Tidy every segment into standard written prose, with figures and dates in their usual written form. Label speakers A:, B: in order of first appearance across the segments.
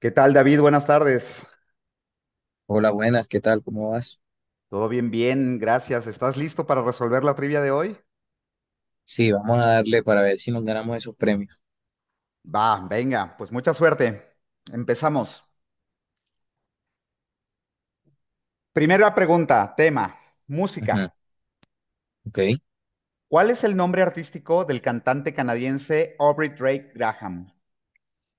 A: ¿Qué tal, David? Buenas tardes.
B: Hola, buenas, ¿qué tal? ¿Cómo vas?
A: Todo bien, gracias. ¿Estás listo para resolver la trivia de hoy?
B: Sí, vamos a darle para ver si nos ganamos esos premios.
A: Va, venga, pues mucha suerte. Empezamos. Primera pregunta, tema, música.
B: Ujú, ok.
A: ¿Cuál es el nombre artístico del cantante canadiense Aubrey Drake Graham?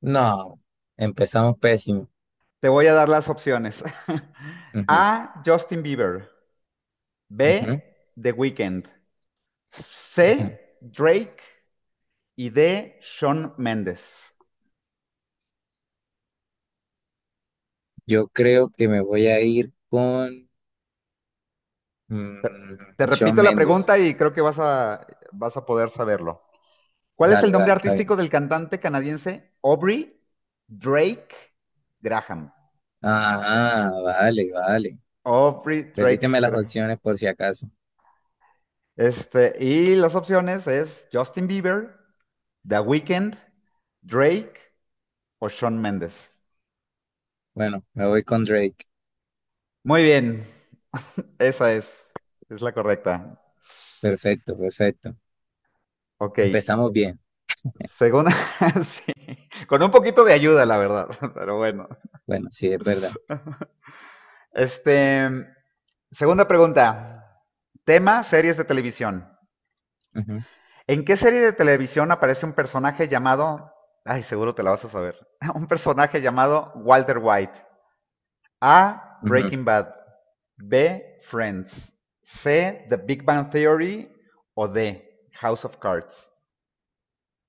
B: No, empezamos pésimo.
A: Te voy a dar las opciones.
B: Ujú,
A: A. Justin Bieber.
B: ujú,
A: B. The Weeknd. C.
B: ujú.
A: Drake. Y D. Shawn Mendes.
B: Yo creo que me voy a ir con
A: Te, te
B: Shawn
A: repito la
B: Méndez.
A: pregunta y creo que vas a poder saberlo. ¿Cuál es
B: Dale,
A: el nombre
B: dale, está
A: artístico
B: bien.
A: del cantante canadiense Aubrey Drake Graham?
B: Ah, vale, vale.
A: Aubrey Drake
B: Repíteme las
A: Graham.
B: opciones por si acaso.
A: Este, y las opciones es Justin Bieber, The Weeknd, Drake o Shawn Mendes.
B: Bueno, me voy con Drake.
A: Muy bien, esa es, es la correcta.
B: Perfecto, perfecto.
A: Ok,
B: Empezamos bien.
A: según, sí, con un poquito de ayuda, la verdad, pero bueno.
B: Bueno, sí, es verdad.
A: Este, segunda pregunta. Tema, series de televisión. ¿En qué serie de televisión aparece un personaje llamado... Ay, seguro te la vas a saber. Un personaje llamado Walter White. A.
B: Ujú, ujú.
A: Breaking Bad. B. Friends. C. The Big Bang Theory. O D. House of Cards.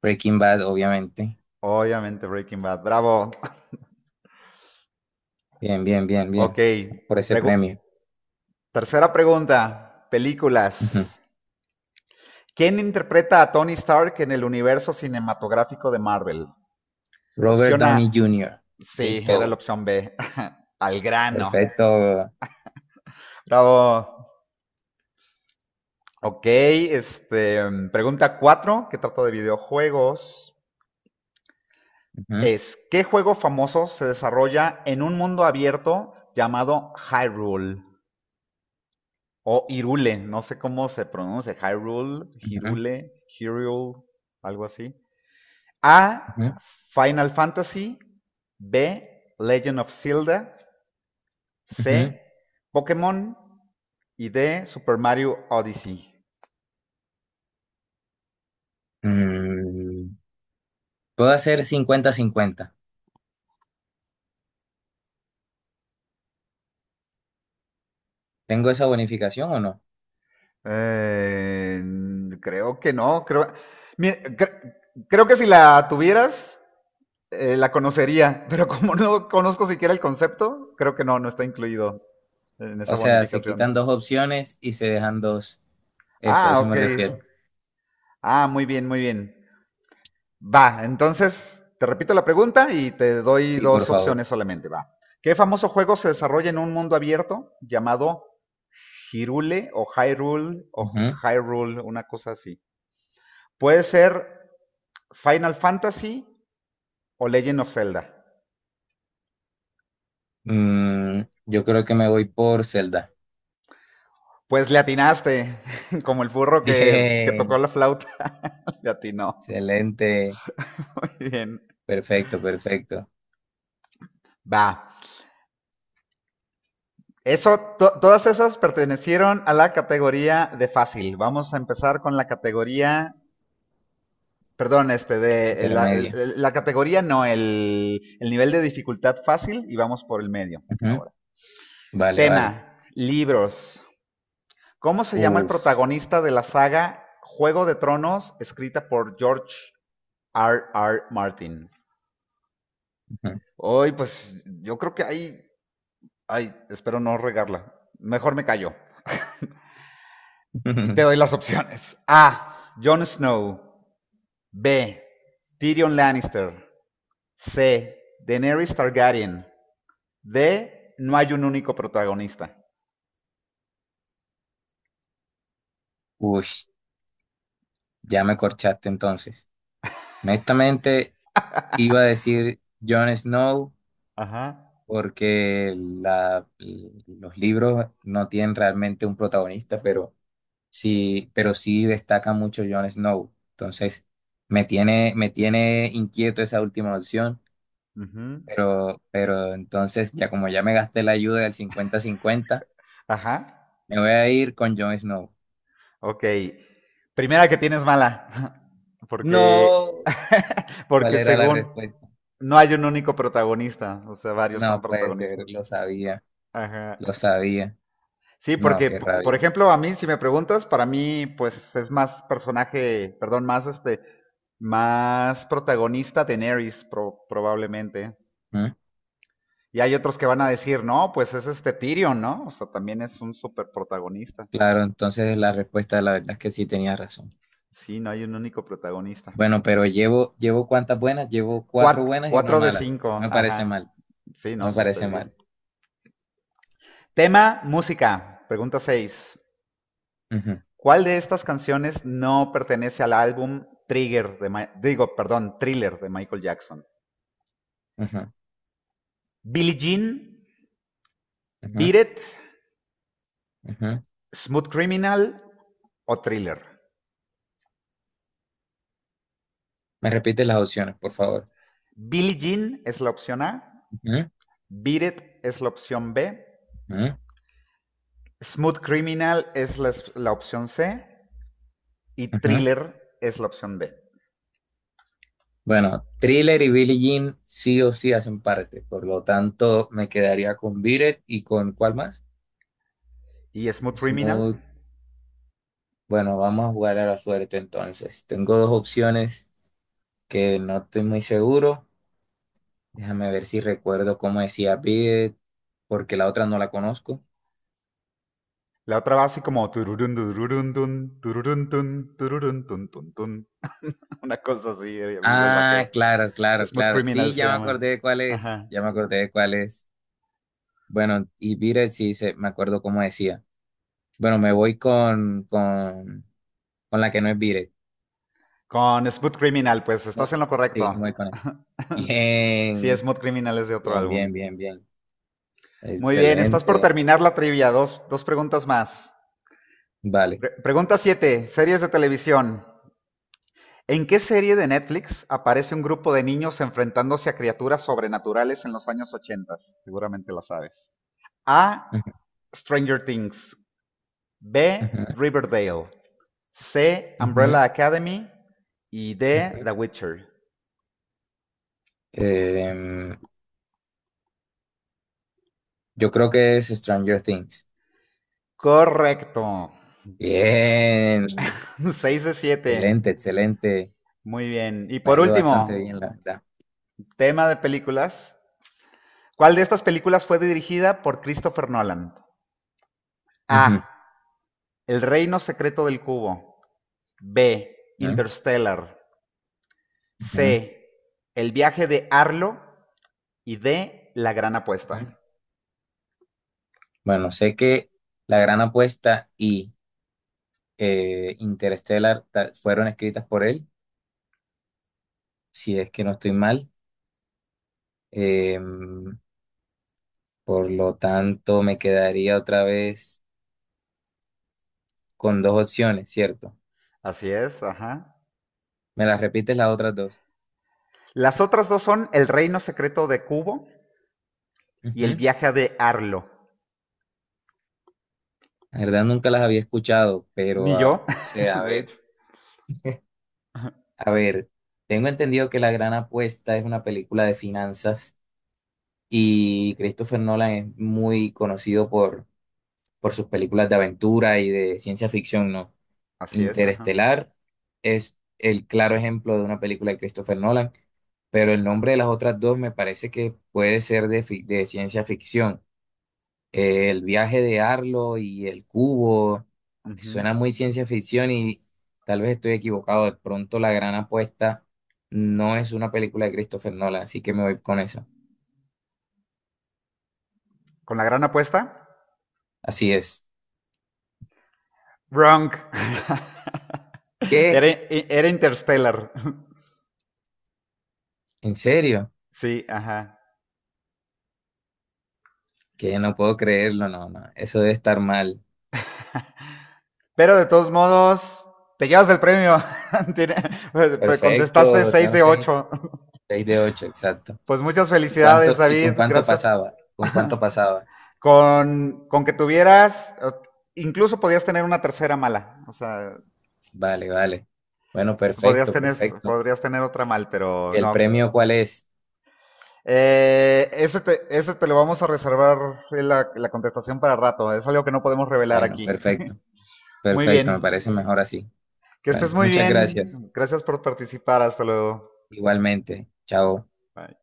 B: Breaking Bad, obviamente.
A: Obviamente Breaking Bad. Bravo.
B: Bien, bien, bien,
A: Ok.
B: bien. Por ese
A: Pregu-
B: premio.
A: Tercera pregunta. Películas.
B: Ujú.
A: ¿Quién interpreta a Tony Stark en el universo cinematográfico de Marvel?
B: Robert
A: Opción
B: Downey
A: A.
B: Jr.
A: Sí, era la
B: Listo.
A: opción B. Al grano.
B: Perfecto.
A: Bravo. Ok, este, pregunta cuatro, que trata de videojuegos,
B: Ujú,
A: es, ¿qué juego famoso se desarrolla en un mundo abierto llamado Hyrule? O Irule, no sé cómo se pronuncia, Hyrule,
B: ujú,
A: Hirule, Hyrule, algo así. A,
B: ujú,
A: Final Fantasy, B, Legend of Zelda,
B: ujú.
A: C, Pokémon y D, Super Mario Odyssey.
B: Mm, ¿Puedo hacer 50-50? ¿Tengo esa bonificación o no?
A: Eh, creo que no, creo, mi- cre- creo que si la tuvieras, la conocería, pero como no conozco siquiera el concepto, creo que no, no está incluido en
B: O
A: esa
B: sea, se
A: bonificación.
B: quitan dos opciones y se dejan dos. Eso,
A: Ah,
B: eso
A: ok.
B: me refiero.
A: Ah, muy bien, muy bien. Va, entonces te repito la pregunta y te doy
B: Y por
A: dos
B: favor.
A: opciones solamente. Va. ¿Qué famoso juego se desarrolla en un mundo abierto llamado Hyrule o Hyrule o
B: Ujú.
A: Hyrule, una cosa así? Puede ser Final Fantasy o Legend of Zelda.
B: Yo creo que me voy por Zelda.
A: Pues le atinaste, como el burro que tocó
B: Bien.
A: la flauta, le atinó.
B: Excelente.
A: Bien.
B: Perfecto, perfecto.
A: Va. Eso, todas esas pertenecieron a la categoría de fácil. Vamos a empezar con la categoría. Perdón, este, de la, de
B: Intermedia.
A: la categoría no, el nivel de dificultad fácil y vamos por el medio
B: Ujú.
A: ahora.
B: Vale, vale.
A: Tema, libros. ¿Cómo se llama el
B: Uf.
A: protagonista de la saga Juego de Tronos escrita por George R. R. Martin? Hoy, pues yo creo que ahí, ay, espero no regarla. Mejor me callo. Y te doy las opciones. A. Jon Snow. B. Tyrion Lannister. C. Daenerys Targaryen. De no hay un único protagonista.
B: Uy. Ya me corchaste entonces. Honestamente, iba a decir Jon Snow
A: Ajá.
B: porque los libros no tienen realmente un protagonista, pero sí destaca mucho Jon Snow. Entonces, me tiene inquieto esa última opción,
A: Ujú.
B: pero entonces, ya como ya me gasté la ayuda del cincuenta-cincuenta,
A: Ajá.
B: me voy a ir con Jon Snow.
A: Ok. Primera que tienes mala. Porque,
B: No, ¿cuál
A: porque
B: era la
A: según
B: respuesta?
A: no hay un único protagonista. O sea, varios son
B: No puede ser,
A: protagonistas.
B: lo sabía,
A: Ajá.
B: lo sabía.
A: Sí,
B: No,
A: porque,
B: qué
A: por
B: rabia.
A: ejemplo, a mí, si me preguntas, para mí, pues es más personaje, perdón, más este, más protagonista Daenerys, probablemente.
B: ¿Mm?
A: Y hay otros que van a decir, no, pues es este Tyrion, ¿no? O sea, también es un super protagonista.
B: Claro, entonces la respuesta, la verdad es que sí tenía razón.
A: Sí, no hay un único protagonista.
B: Bueno, pero llevo cuántas buenas, llevo cuatro buenas y una
A: Cuatro de
B: mala.
A: cinco,
B: No me parece
A: ajá.
B: mal,
A: Sí,
B: no
A: no,
B: me
A: súper
B: parece
A: bien.
B: mal.
A: Tema, música. Pregunta seis.
B: Ujú,
A: ¿Cuál de estas canciones no pertenece al álbum digo, perdón, Thriller de Michael Jackson?
B: ujú,
A: Billie Jean,
B: ujú,
A: Beat It,
B: ujú.
A: Smooth Criminal o Thriller.
B: Me repites las opciones, por favor.
A: Billie Jean es la opción A,
B: Ujú,
A: Beat It es la opción B,
B: ujú,
A: Smooth Criminal es la opción C y
B: ujú.
A: Thriller es la opción D.
B: Bueno, Thriller y Billie Jean sí o sí hacen parte, por lo tanto me quedaría con Biret y con ¿cuál más?
A: Y Smooth Criminal,
B: Smooth. Bueno, vamos a jugar a la suerte entonces. Tengo dos opciones que no estoy muy seguro. Déjame ver si recuerdo cómo decía Bid, porque la otra no la conozco.
A: la otra va así como tururun, tururun, tun, tururun, tun, tururun, tun, tun, tun. Una cosa así, viva el bajeo.
B: Ah, claro, claro,
A: Smooth
B: claro.
A: Criminal
B: Sí,
A: se
B: ya me
A: llama.
B: acordé de cuál es.
A: Ajá.
B: Ya me acordé de cuál es. Bueno, y Biret sí se, me acuerdo cómo decía. Bueno, me voy con la que no es Biret.
A: Con Smooth Criminal, pues estás
B: Bu-
A: en lo correcto.
B: Sí, me voy con él.
A: Sí,
B: Bien,
A: Smooth Criminal es de otro
B: bien,
A: álbum.
B: bien, bien, bien.
A: Muy bien, estás por
B: Excelente.
A: terminar la trivia. Dos preguntas más.
B: Vale.
A: Pregunta 7, series de televisión. ¿En qué serie de Netflix aparece un grupo de niños enfrentándose a criaturas sobrenaturales en los años 80? Seguramente la sabes. A.
B: Ujú,
A: Stranger Things. B.
B: ujú,
A: Riverdale. C.
B: ujú,
A: Umbrella Academy. Y D. The
B: ujú.
A: Witcher.
B: Em, yo creo que es Stranger Things.
A: Correcto.
B: Bien.
A: 6 de 7.
B: Excelente, excelente.
A: Muy bien. Y
B: Me ha
A: por
B: ido bastante bien,
A: último,
B: la verdad.
A: tema de películas. ¿Cuál de estas películas fue dirigida por Christopher Nolan? A.
B: Ujú,
A: El reino secreto del cubo. B.
B: ujú,
A: Interstellar.
B: ujú,
A: C. El viaje de Arlo. Y D. La gran apuesta.
B: ujú. Bueno, sé que La Gran Apuesta y Interstellar fueron escritas por él, si es que no estoy mal. Em, por lo tanto, me quedaría otra vez con dos opciones, ¿cierto?
A: Así es, ajá.
B: ¿Me las repites las otras dos?
A: Las otras dos son El reino secreto de Kubo y El
B: Ujú.
A: viaje de Arlo.
B: La verdad, nunca las había escuchado,
A: Ni
B: pero, ah,
A: yo,
B: o sea, a
A: de
B: ver.
A: hecho.
B: A ver, tengo entendido que La Gran Apuesta es una película de finanzas y Christopher Nolan es muy conocido por sus películas de aventura y de ciencia ficción, ¿no?
A: Así es, ajá.
B: Interestelar es el claro ejemplo de una película de Christopher Nolan, pero el nombre de las otras dos me parece que puede ser de ciencia ficción. El viaje de Arlo y el cubo
A: Ujú.
B: suena muy ciencia ficción y tal vez estoy equivocado. De pronto La Gran Apuesta no es una película de Christopher Nolan, así que me voy con esa.
A: Con La gran apuesta.
B: Así es.
A: Wrong.
B: ¿Qué
A: Era Interstellar.
B: ¿En serio?
A: Sí, ajá.
B: Que no puedo creerlo, no, no. Eso debe estar mal.
A: Pero de todos modos, te llevas el premio. Contestaste
B: Perfecto,
A: 6
B: tengo
A: de
B: seis,
A: 8.
B: 6 de 8, exacto.
A: Pues muchas
B: ¿Y
A: felicidades,
B: cuánto, y
A: David.
B: con cuánto
A: Gracias.
B: pasaba? ¿Con cuánto pasaba?
A: Con que tuvieras, incluso podías tener una tercera mala. O sea,
B: Vale, vale. Bueno,
A: podrías
B: perfecto,
A: tener,
B: perfecto.
A: podrías tener otra mal, pero
B: ¿Y el
A: no.
B: premio cuál es?
A: Ese te lo vamos a reservar la contestación para rato. Es algo que no podemos revelar
B: Bueno,
A: aquí.
B: perfecto,
A: Muy
B: perfecto, me
A: bien.
B: parece mejor así.
A: Que estés
B: Bueno,
A: muy
B: muchas
A: bien.
B: gracias.
A: Gracias por participar. Hasta luego.
B: Igualmente. Chao.
A: Bye.